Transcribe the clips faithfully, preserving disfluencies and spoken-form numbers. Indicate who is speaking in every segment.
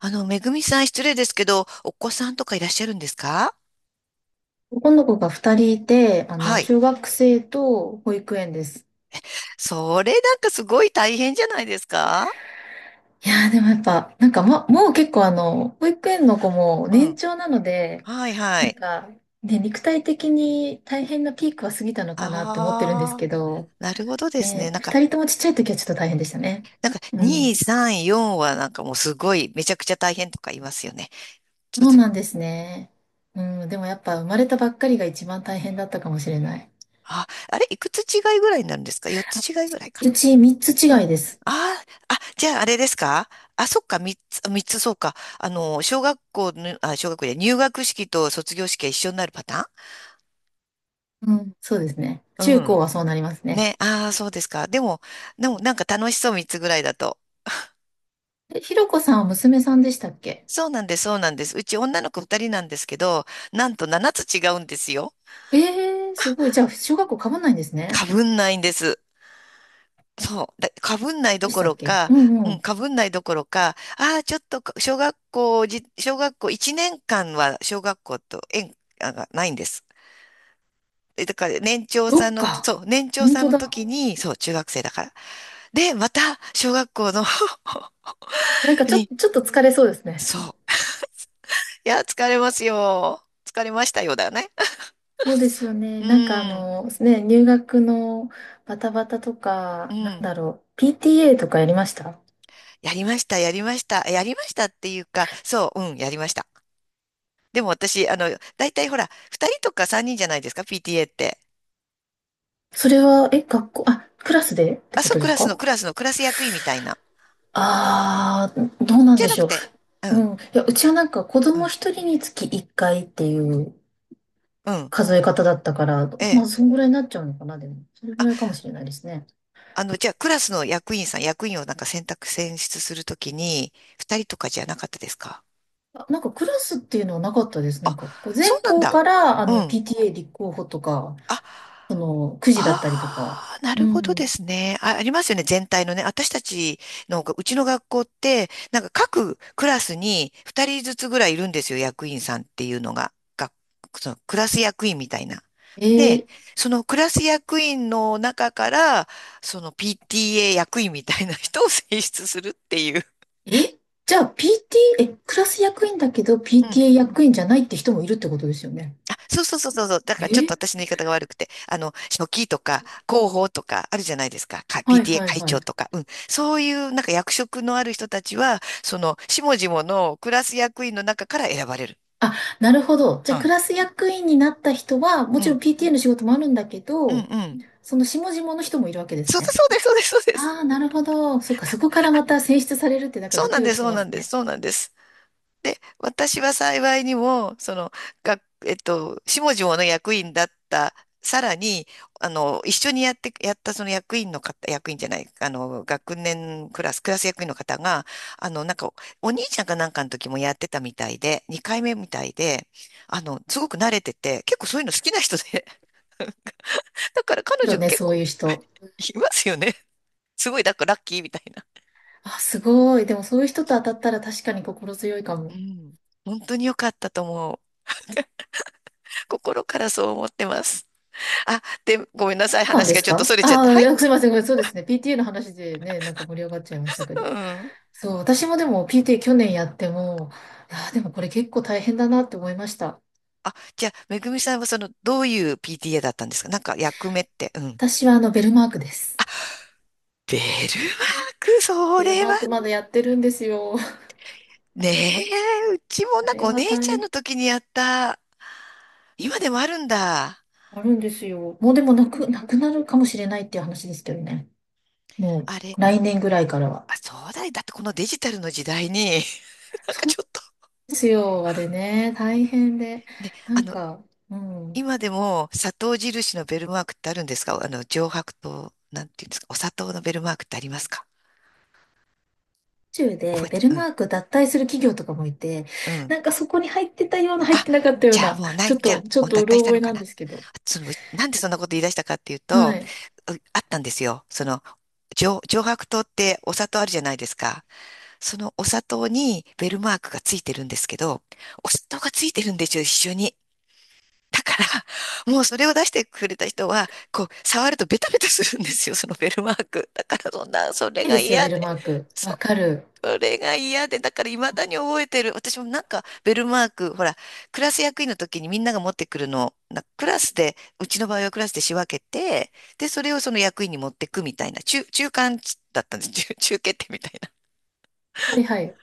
Speaker 1: あの、めぐみさん、失礼ですけど、お子さんとかいらっしゃるんですか？
Speaker 2: 男の子が二人いて、あの、
Speaker 1: はい。
Speaker 2: 小学生と保育園です。
Speaker 1: それ、なんかすごい大変じゃないですか？
Speaker 2: いやー、でもやっぱ、なんかま、もう結構あの、保育園の子も
Speaker 1: う
Speaker 2: 年
Speaker 1: ん。
Speaker 2: 長なので、
Speaker 1: はいは
Speaker 2: なん
Speaker 1: い。
Speaker 2: か、ね、肉体的に大変なピークは過ぎたのかなって思ってるんです
Speaker 1: ああ、
Speaker 2: けど、
Speaker 1: なるほどですね。
Speaker 2: ね、
Speaker 1: なんか、
Speaker 2: 二人ともちっちゃい時はちょっと大変でしたね。
Speaker 1: なんか、
Speaker 2: う
Speaker 1: に、
Speaker 2: ん。
Speaker 1: さん、よんはなんかもうすごい、めちゃくちゃ大変とか言いますよね。ちょっ
Speaker 2: そう
Speaker 1: と、
Speaker 2: なんですね。うん、でもやっぱ生まれたばっかりが一番大変だったかもしれない。
Speaker 1: あ、あれ、いくつ違いぐらいになるんですか？ よっ つ違いぐらいか
Speaker 2: うち三つ
Speaker 1: な。う
Speaker 2: 違い
Speaker 1: ん。
Speaker 2: です。
Speaker 1: ああ、あ、じゃあ、あれですか？あ、そっか、みっつ、みっつ、そうか。あの、小学校の、あ、小学校で入学式と卒業式が一緒になるパタ
Speaker 2: うん、そうですね。
Speaker 1: ー
Speaker 2: 中
Speaker 1: ン。う
Speaker 2: 高
Speaker 1: ん。
Speaker 2: はそうなりますね。
Speaker 1: ね、ああ、そうですか。でも、でもなんか楽しそう、みっつぐらいだと。
Speaker 2: え、ひろこさんは娘さんでしたっけ？
Speaker 1: そうなんです、そうなんです。うち女の子ふたりなんですけど、なんとななつ違うんですよ。
Speaker 2: ええー、すごい。じゃあ、小学校被んないんです
Speaker 1: か
Speaker 2: ね。
Speaker 1: ぶんないんです。そう。だかぶんないど
Speaker 2: でし
Speaker 1: こ
Speaker 2: た
Speaker 1: ろ
Speaker 2: っけ？
Speaker 1: か、
Speaker 2: うんう
Speaker 1: うん、
Speaker 2: ん。
Speaker 1: かぶんないどころか、ああ、ちょっとか小学校じ、小学校いちねんかんは小学校と縁あがないんです。えだから年長
Speaker 2: そ
Speaker 1: さん
Speaker 2: っ
Speaker 1: の、
Speaker 2: か。
Speaker 1: そう、年長
Speaker 2: 本
Speaker 1: さん
Speaker 2: 当
Speaker 1: の
Speaker 2: だ。
Speaker 1: 時に、そう、中学生だから。で、また小学校の
Speaker 2: なんか ちょ、っ
Speaker 1: に、
Speaker 2: とちょっと疲れそうですね。
Speaker 1: そう。いや、疲れますよ。疲れましたよ、だよね。
Speaker 2: そうですよ
Speaker 1: う
Speaker 2: ね。なんかあ
Speaker 1: ん、
Speaker 2: の、ね、入学のバタバタと
Speaker 1: う
Speaker 2: か、なん
Speaker 1: ん。
Speaker 2: だろう、ピーティーエー とかやりました？
Speaker 1: やりました、やりました。やりましたっていうか、そう、うん、やりました。でも私、あの、大体ほら、二人とかさんにんじゃないですか、ピーティーエー って。
Speaker 2: それは、え、学校、あ、クラスでって
Speaker 1: あ、
Speaker 2: こ
Speaker 1: そう、
Speaker 2: と
Speaker 1: ク
Speaker 2: です
Speaker 1: ラスの、
Speaker 2: か？
Speaker 1: クラスの、クラス役員みたいな。
Speaker 2: ああー、どうなん
Speaker 1: じゃ
Speaker 2: で
Speaker 1: な
Speaker 2: し
Speaker 1: く
Speaker 2: ょう。
Speaker 1: て、う
Speaker 2: う
Speaker 1: ん、
Speaker 2: ん。いや、うちはなんか子
Speaker 1: う
Speaker 2: 供
Speaker 1: ん、
Speaker 2: 一人につき一回っていう
Speaker 1: うん、
Speaker 2: 数え方だったから、
Speaker 1: え
Speaker 2: ま
Speaker 1: え。
Speaker 2: あ、そんぐらいになっちゃうのかな、でも。それぐらいかもしれないですね。
Speaker 1: あの、じゃあ、クラスの役員さん、役員をなんか選択、選出するときに、二人とかじゃなかったですか？
Speaker 2: あ、なんかクラスっていうのはなかったです。な
Speaker 1: あ、
Speaker 2: んか、こう
Speaker 1: そう
Speaker 2: 全
Speaker 1: なん
Speaker 2: 校か
Speaker 1: だ。
Speaker 2: ら、あ
Speaker 1: う
Speaker 2: の、
Speaker 1: ん。
Speaker 2: ピーティーエー 立候補とか、
Speaker 1: あ、
Speaker 2: その、くじだったりとか。
Speaker 1: ああ、な
Speaker 2: う
Speaker 1: るほどで
Speaker 2: ん。
Speaker 1: すね。あ、ありますよね、全体のね。私たちのが、うちの学校って、なんか各クラスにふたりずつぐらいいるんですよ、役員さんっていうのが。が、そのクラス役員みたいな。
Speaker 2: え
Speaker 1: で、
Speaker 2: ー、
Speaker 1: そのクラス役員の中から、その ピーティーエー 役員みたいな人を選出するっていう。
Speaker 2: え、じゃあ ピーティー、え、クラス役員だけど ピーティーエー 役員じゃないって人もいるってことですよね。
Speaker 1: あ、そうそうそうそうそう。だか
Speaker 2: え、
Speaker 1: らちょっと私の言い方が悪くて、あの、書記とか広報とかあるじゃないですか。か
Speaker 2: はい
Speaker 1: ピーティーエー
Speaker 2: はい
Speaker 1: 会
Speaker 2: は
Speaker 1: 長
Speaker 2: い。
Speaker 1: とか。うん。そういうなんか役職のある人たちは、その、下々のクラス役員の中から選ばれる。
Speaker 2: あ、なるほど。じゃ
Speaker 1: う
Speaker 2: あク
Speaker 1: ん。
Speaker 2: ラス役員になった人は、も
Speaker 1: う
Speaker 2: ちろ
Speaker 1: ん。
Speaker 2: ん ピーティーエー の仕事もあるんだけ
Speaker 1: うん。う
Speaker 2: ど、
Speaker 1: ん。
Speaker 2: その下々の人もいるわけです
Speaker 1: そうだ、
Speaker 2: ね。
Speaker 1: そうです、そうです、そうです。
Speaker 2: ああ、なるほど。そっか、そこからまた選出されるってなんか
Speaker 1: そう
Speaker 2: ド
Speaker 1: な
Speaker 2: キ
Speaker 1: んで
Speaker 2: ド
Speaker 1: す、
Speaker 2: キし
Speaker 1: そう
Speaker 2: ま
Speaker 1: な
Speaker 2: す
Speaker 1: んです、
Speaker 2: ね。
Speaker 1: そうなんです。で、私は幸いにも、その、がえっと、下々の役員だった、さらに、あの、一緒にやって、やったその役員の方、役員じゃない、あの、学年クラス、クラス役員の方が、あの、なんか、お兄ちゃんかなんかの時もやってたみたいで、にかいめみたいで、あの、すごく慣れてて、結構そういうの好きな人で、だから彼
Speaker 2: けど
Speaker 1: 女が
Speaker 2: ね、
Speaker 1: 結
Speaker 2: そう
Speaker 1: 構
Speaker 2: いう人。
Speaker 1: いますよね。すごい、だからラッキーみたいな。
Speaker 2: あ、すごい。でもそういう人と当たったら確かに心強いか
Speaker 1: う
Speaker 2: も。
Speaker 1: ん。本当に良かったと思う。心からそう思ってます。あ、で、ごめんなさい。
Speaker 2: 感
Speaker 1: 話
Speaker 2: で
Speaker 1: が
Speaker 2: す
Speaker 1: ちょっと
Speaker 2: か？
Speaker 1: 逸れちゃっ
Speaker 2: あ
Speaker 1: て。
Speaker 2: あ
Speaker 1: は
Speaker 2: ー、い
Speaker 1: い。
Speaker 2: や、すいません。ごめん、そうですね。ピーティーエー の話でね、なんか盛り上がっちゃいましたけど。
Speaker 1: うん。
Speaker 2: そう、私もでも ピーティーエー 去年やっても、ああ、でもこれ結構大変だなって思いました。
Speaker 1: あ、じゃあ、めぐみさんはその、どういう ピーティーエー だったんですか？なんか役目って。うん。
Speaker 2: 私はあの、ベルマークです。
Speaker 1: ベルマーク、そ
Speaker 2: ベル
Speaker 1: れ
Speaker 2: マ
Speaker 1: は？
Speaker 2: ークまだやってるんですよ。
Speaker 1: ねえ、うちも
Speaker 2: あ
Speaker 1: なんか
Speaker 2: れ
Speaker 1: お
Speaker 2: は
Speaker 1: 姉
Speaker 2: 大
Speaker 1: ちゃんの
Speaker 2: 変。
Speaker 1: 時にやった。今でもあるんだ。
Speaker 2: あるんですよ。もうでも、なく、なくなるかもしれないっていう話ですけどね。も
Speaker 1: あれ、
Speaker 2: う来年ぐらいからは。
Speaker 1: あ、そうだよ。だってこのデジタルの時代に、なんか
Speaker 2: そう
Speaker 1: ちょっと、
Speaker 2: ですよ、あれね、大変で。
Speaker 1: ね、
Speaker 2: な
Speaker 1: あ
Speaker 2: ん
Speaker 1: の、
Speaker 2: か、うん、宇
Speaker 1: 今でも砂糖印のベルマークってあるんですか？あの、上白糖、なんていうんですか？お砂糖のベルマークってありますか？
Speaker 2: 宙
Speaker 1: 覚
Speaker 2: で
Speaker 1: え
Speaker 2: ベ
Speaker 1: て、
Speaker 2: ル
Speaker 1: う
Speaker 2: マ
Speaker 1: ん
Speaker 2: ーク脱退する企業とかもいて、
Speaker 1: うん。
Speaker 2: なんかそこに入ってたような、入っ
Speaker 1: あ、
Speaker 2: てなかったよう
Speaker 1: じゃあ
Speaker 2: な、
Speaker 1: もうな
Speaker 2: ち
Speaker 1: い、
Speaker 2: ょっ
Speaker 1: じゃ
Speaker 2: と、
Speaker 1: あ、
Speaker 2: ちょ
Speaker 1: も
Speaker 2: っ
Speaker 1: う
Speaker 2: と
Speaker 1: 脱
Speaker 2: う
Speaker 1: 退
Speaker 2: ろ
Speaker 1: した
Speaker 2: 覚
Speaker 1: の
Speaker 2: え
Speaker 1: か
Speaker 2: なん
Speaker 1: な。
Speaker 2: ですけど。
Speaker 1: その、なんでそんなこと言い出したかっていう
Speaker 2: は
Speaker 1: と、
Speaker 2: い。
Speaker 1: うあったんですよ。その、上、上白糖ってお砂糖あるじゃないですか。そのお砂糖にベルマークがついてるんですけど、お砂糖がついてるんですよ、一緒に。だから、もうそれを出してくれた人は、こう、触るとベタベタするんですよ、そのベルマーク。だから、そんな、それ
Speaker 2: ないで
Speaker 1: が
Speaker 2: すよ、ベ
Speaker 1: 嫌
Speaker 2: ル
Speaker 1: で。
Speaker 2: マーク。わかる。
Speaker 1: それが嫌で、だから未だに覚えてる。私もなんか、ベルマーク、ほら、クラス役員の時にみんなが持ってくるのを、なクラスで、うちの場合はクラスで仕分けて、で、それをその役員に持ってくみたいな、中、中間だったんです。中、中決定みたいな。
Speaker 2: はいはい。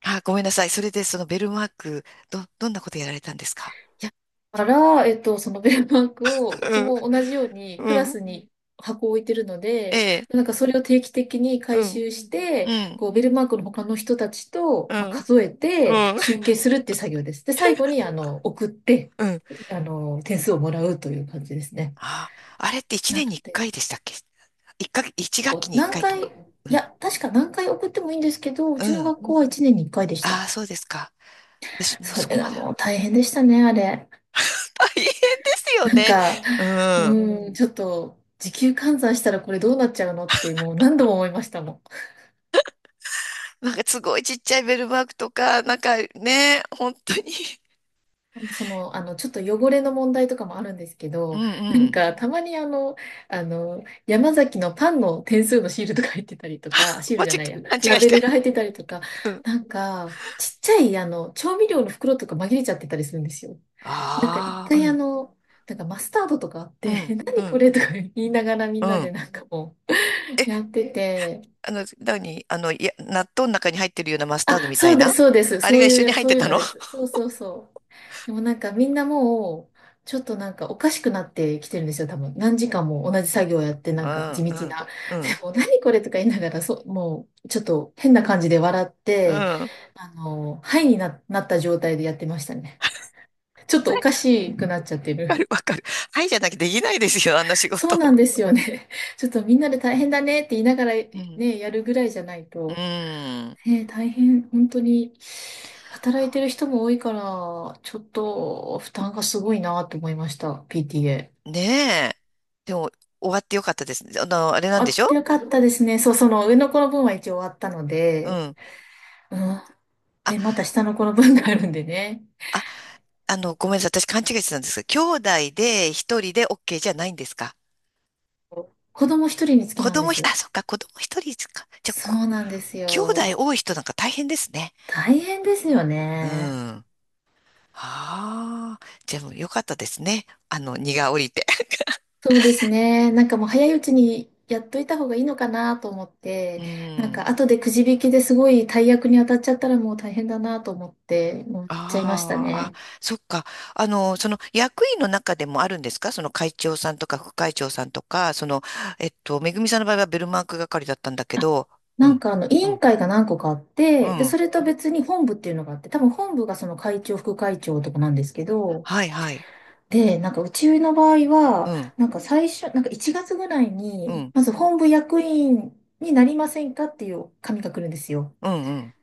Speaker 1: あ、ごめんなさい。それで、そのベルマーク、ど、どんなことやられたんですか？
Speaker 2: いや、だから、えっと、そのベルマークを、う
Speaker 1: う
Speaker 2: ち
Speaker 1: ん、
Speaker 2: も同じようにク
Speaker 1: う
Speaker 2: ラ
Speaker 1: ん、
Speaker 2: スに箱を置いてるの
Speaker 1: え
Speaker 2: で、
Speaker 1: え、
Speaker 2: なんかそれを定期的に
Speaker 1: う
Speaker 2: 回
Speaker 1: ん、
Speaker 2: 収して、
Speaker 1: うん、
Speaker 2: こう、ベルマークの他の人たち
Speaker 1: う
Speaker 2: と、まあ、
Speaker 1: ん、
Speaker 2: 数えて
Speaker 1: うん、
Speaker 2: 集計するっていう作業です。で、最後に、あの、送って、
Speaker 1: うん。
Speaker 2: あの、点数をもらうという感じですね。
Speaker 1: あ、あれって1
Speaker 2: なの
Speaker 1: 年に1
Speaker 2: で、
Speaker 1: 回でしたっけ？一か、一学
Speaker 2: こ
Speaker 1: 期
Speaker 2: う
Speaker 1: に1
Speaker 2: 何
Speaker 1: 回と
Speaker 2: 回、い
Speaker 1: か。うん、
Speaker 2: や、確か何回送ってもいいんですけど、う
Speaker 1: う
Speaker 2: ちの
Speaker 1: ん。
Speaker 2: 学校はいちねんにいっかいでし
Speaker 1: あ
Speaker 2: た。
Speaker 1: あ、そうですか。私、もう
Speaker 2: そ
Speaker 1: そ
Speaker 2: れ
Speaker 1: こま
Speaker 2: が
Speaker 1: で
Speaker 2: も
Speaker 1: は。
Speaker 2: う大変でしたね、あれ。
Speaker 1: 大変ですよ
Speaker 2: なん
Speaker 1: ね。
Speaker 2: か、
Speaker 1: うん。
Speaker 2: うん、ちょっと時給換算したらこれどうなっちゃうのってもう何度も思いましたもん。
Speaker 1: なんかすごいちっちゃいベルマークとか、なんかね、本当に。
Speaker 2: その、あの、ちょっと汚れの問題とかもあるんですけ
Speaker 1: うん
Speaker 2: ど、
Speaker 1: う
Speaker 2: なん
Speaker 1: ん。
Speaker 2: かたまにあの、あの、山崎のパンの点数のシールとか入ってたりとか、シー
Speaker 1: 間
Speaker 2: ル
Speaker 1: 違、
Speaker 2: じゃないや、
Speaker 1: 勘違
Speaker 2: ラ
Speaker 1: いし
Speaker 2: ベルが
Speaker 1: て。
Speaker 2: 入ってたりとか、
Speaker 1: うん。
Speaker 2: なんかちっちゃいあの、調味料の袋とか紛れちゃってたりするんですよ。なんか一
Speaker 1: ああ、う
Speaker 2: 回あ
Speaker 1: ん、
Speaker 2: の、なんかマスタードとかあっ
Speaker 1: うん、
Speaker 2: て、
Speaker 1: う
Speaker 2: 何こ
Speaker 1: ん、
Speaker 2: れとか言いながらみ
Speaker 1: う
Speaker 2: んなで
Speaker 1: ん。
Speaker 2: なんかも
Speaker 1: え、
Speaker 2: うやってて、
Speaker 1: あの、何あの、いや、納豆の中に入ってるようなマスタード
Speaker 2: あ、
Speaker 1: みた
Speaker 2: そ
Speaker 1: い
Speaker 2: うです、
Speaker 1: な、
Speaker 2: そうです。
Speaker 1: あれ
Speaker 2: そう
Speaker 1: が一緒
Speaker 2: い
Speaker 1: に
Speaker 2: う、
Speaker 1: 入っ
Speaker 2: そう
Speaker 1: て
Speaker 2: いう
Speaker 1: た
Speaker 2: の
Speaker 1: の？
Speaker 2: です。そうそうそう。でもなんかみんなもう、ちょっとなんかおかしくなってきてるんですよ、多分。何時間も同じ作業やって、な
Speaker 1: う
Speaker 2: んか
Speaker 1: ん
Speaker 2: 地道
Speaker 1: うん、
Speaker 2: な。
Speaker 1: う
Speaker 2: で
Speaker 1: ん、
Speaker 2: も、何これとか言いながら、そう、もう、ちょっと変な感じで笑っ
Speaker 1: うん。
Speaker 2: て、
Speaker 1: わ
Speaker 2: あの、ハイにな、なった状態でやってましたね。ちょっとおかしくなっちゃって
Speaker 1: かる、
Speaker 2: る。
Speaker 1: わかる。はい、じゃなきゃできないですよ、あんな仕
Speaker 2: そ
Speaker 1: 事。
Speaker 2: うなんですよね。ちょっとみんなで大変だねって言いながら
Speaker 1: うん。
Speaker 2: ね、やるぐらいじゃない
Speaker 1: う
Speaker 2: と。
Speaker 1: ん。
Speaker 2: ねえ、大変、本当に、働いて
Speaker 1: あ
Speaker 2: る人も多いから、ちょっと負担がすごいなと思いました、ピーティーエー。
Speaker 1: ねえ。でも、終わってよかったですね。あの、あれなん
Speaker 2: あ
Speaker 1: でし
Speaker 2: っ
Speaker 1: ょ？
Speaker 2: てよかったですね。そう、その上の子の分は一応終わったの
Speaker 1: う
Speaker 2: で、
Speaker 1: ん。
Speaker 2: うん。
Speaker 1: あ、
Speaker 2: で、また下の子の分があるんでね。
Speaker 1: あ、あの、ごめんなさい。私勘違いしてたんですが、兄弟で一人で オーケー じゃないんですか？
Speaker 2: 子供一人につき
Speaker 1: 子
Speaker 2: なんで
Speaker 1: 供ひ、あ、
Speaker 2: す。
Speaker 1: そっか、子供一人か。じゃあ、
Speaker 2: そ
Speaker 1: こ
Speaker 2: うなんです
Speaker 1: 兄弟
Speaker 2: よ。
Speaker 1: 多い人なんか大変ですね。
Speaker 2: 大変ですよ
Speaker 1: うん。
Speaker 2: ね。
Speaker 1: ああ、じゃあもうよかったですね。あの、荷が降りて。
Speaker 2: そうですね。なんかもう早いうちにやっといた方がいいのかなと思っ
Speaker 1: う
Speaker 2: て、なん
Speaker 1: ん。
Speaker 2: か後でくじ引きですごい大役に当たっちゃったらもう大変だなと思って、もうやっちゃいました
Speaker 1: ああ、あ、
Speaker 2: ね。
Speaker 1: そっか。あの、その役員の中でもあるんですか？その会長さんとか副会長さんとか、その、えっと、めぐみさんの場合はベルマーク係だったんだけど、う
Speaker 2: なん
Speaker 1: ん、
Speaker 2: かあの委
Speaker 1: う
Speaker 2: 員
Speaker 1: ん、
Speaker 2: 会が何個かあっ
Speaker 1: う
Speaker 2: て、で、
Speaker 1: ん、
Speaker 2: それと別に本部っていうのがあって、多分本部がその会長、副会長とかなんですけど、
Speaker 1: はいはい、
Speaker 2: で、なんかうちの場合
Speaker 1: う
Speaker 2: は、
Speaker 1: ん、
Speaker 2: なんか最初、なんかいちがつぐらい
Speaker 1: う
Speaker 2: に、
Speaker 1: ん、
Speaker 2: まず本部役員になりませんかっていう紙が来るんですよ。
Speaker 1: うん、うん、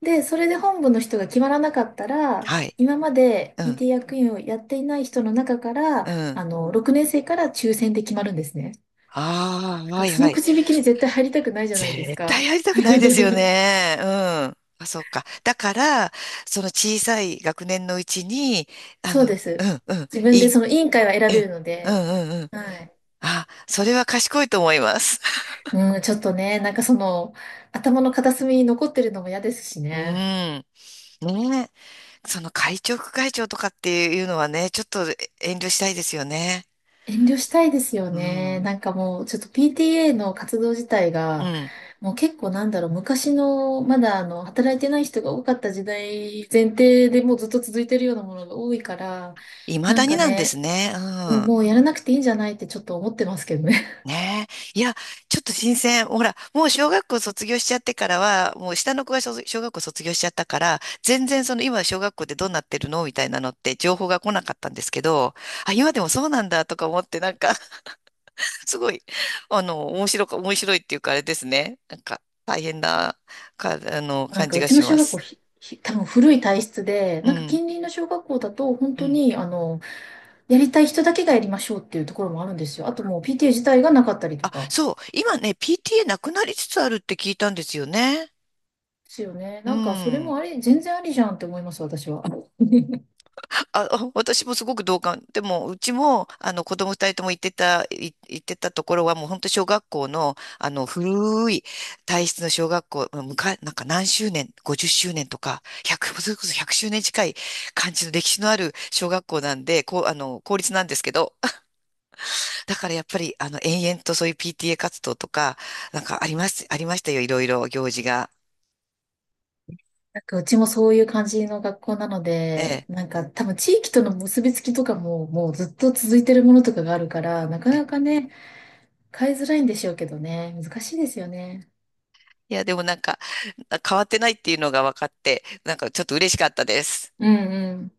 Speaker 2: で、それで本部の人が決まらなかったら、
Speaker 1: はい、
Speaker 2: 今まで
Speaker 1: うん、
Speaker 2: ピーティー 役員をやっていない人の中から、
Speaker 1: うん、
Speaker 2: あの、ろくねん生から抽選で決まるんですね。
Speaker 1: あ
Speaker 2: だ
Speaker 1: あ、
Speaker 2: か
Speaker 1: は
Speaker 2: ら
Speaker 1: い
Speaker 2: そ
Speaker 1: は
Speaker 2: の
Speaker 1: い。
Speaker 2: くじ引きに絶対入りたくないじゃないです
Speaker 1: 絶対
Speaker 2: か。
Speaker 1: やりたくないですよ ね。うん。あ、そっか。だから、その小さい学年のうちに、あ
Speaker 2: そうで
Speaker 1: の、う
Speaker 2: す。
Speaker 1: ん、うん、
Speaker 2: 自分
Speaker 1: い
Speaker 2: で
Speaker 1: い、
Speaker 2: その委員会は
Speaker 1: う
Speaker 2: 選べ
Speaker 1: ん、
Speaker 2: るの
Speaker 1: う
Speaker 2: で、
Speaker 1: ん、うん、うん。
Speaker 2: はい。
Speaker 1: あ、それは賢いと思います。
Speaker 2: うん、ちょっとね、なんかその、頭の片隅に残ってるのも嫌ですし
Speaker 1: うん。
Speaker 2: ね。
Speaker 1: ねえ。その会長、副会長とかっていうのはね、ちょっと遠慮したいですよね。
Speaker 2: 遠慮したいですよ
Speaker 1: う
Speaker 2: ね。
Speaker 1: ん。
Speaker 2: なんかもう、ちょっと ピーティーエー の活動自体
Speaker 1: う
Speaker 2: が、
Speaker 1: ん。
Speaker 2: もう結構なんだろう、昔の、まだあの、働いてない人が多かった時代前提でもうずっと続いてるようなものが多いから、
Speaker 1: 未
Speaker 2: な
Speaker 1: だ
Speaker 2: ん
Speaker 1: に
Speaker 2: か
Speaker 1: なんです
Speaker 2: ね、
Speaker 1: ね。う
Speaker 2: もう、
Speaker 1: ん。
Speaker 2: もうやらなくていいんじゃないってちょっと思ってますけどね。
Speaker 1: ねえ。いや、ちょっと新鮮。ほら、もう小学校卒業しちゃってからは、もう下の子が小、小学校卒業しちゃったから、全然その今小学校でどうなってるのみたいなのって情報が来なかったんですけど、あ、今でもそうなんだとか思ってなんか すごい、あの、面白か、面白いっていうかあれですね。なんか、大変な、か、あの、
Speaker 2: なん
Speaker 1: 感
Speaker 2: か
Speaker 1: じ
Speaker 2: う
Speaker 1: が
Speaker 2: ち
Speaker 1: し
Speaker 2: の
Speaker 1: ま
Speaker 2: 小学校
Speaker 1: す。
Speaker 2: ひ、ひ多分古い体質で、
Speaker 1: う
Speaker 2: なんか
Speaker 1: ん、
Speaker 2: 近隣の小学校だと本
Speaker 1: う
Speaker 2: 当
Speaker 1: ん。
Speaker 2: に、あの、やりたい人だけがやりましょうっていうところもあるんですよ。あともう ピーティーエー 自体がなかったりと
Speaker 1: あ、
Speaker 2: か。
Speaker 1: そう、今ね、ピーティーエー なくなりつつあるって聞いたんですよね。
Speaker 2: ですよね。
Speaker 1: う
Speaker 2: なんか、それ
Speaker 1: ん。
Speaker 2: もあり、全然ありじゃんって思います、私は。
Speaker 1: あ、あ私もすごく同感。でも、うちも、あの、子供二人とも行ってた、い行ってたところは、もう本当小学校の、あの、古い体質の小学校、むか、なんか何周年、ごじゅっしゅうねんとか、ひゃく、それこそ周年近い感じの歴史のある小学校なんで、こう、あの、公立なんですけど、だからやっぱり、あの、延々とそういう ピーティーエー 活動とか、なんかあります、ありましたよ、いろいろ行事が。
Speaker 2: なんか、うちもそういう感じの学校なの
Speaker 1: え
Speaker 2: で、
Speaker 1: え。
Speaker 2: なんか、多分地域との結びつきとかも、もうずっと続いてるものとかがあるから、なか
Speaker 1: ええ、
Speaker 2: なかね、変えづらいんでしょうけどね、難しいですよね。
Speaker 1: いや、でもなんか、変わってないっていうのが分かって、なんかちょっと嬉しかったです。
Speaker 2: うんうん。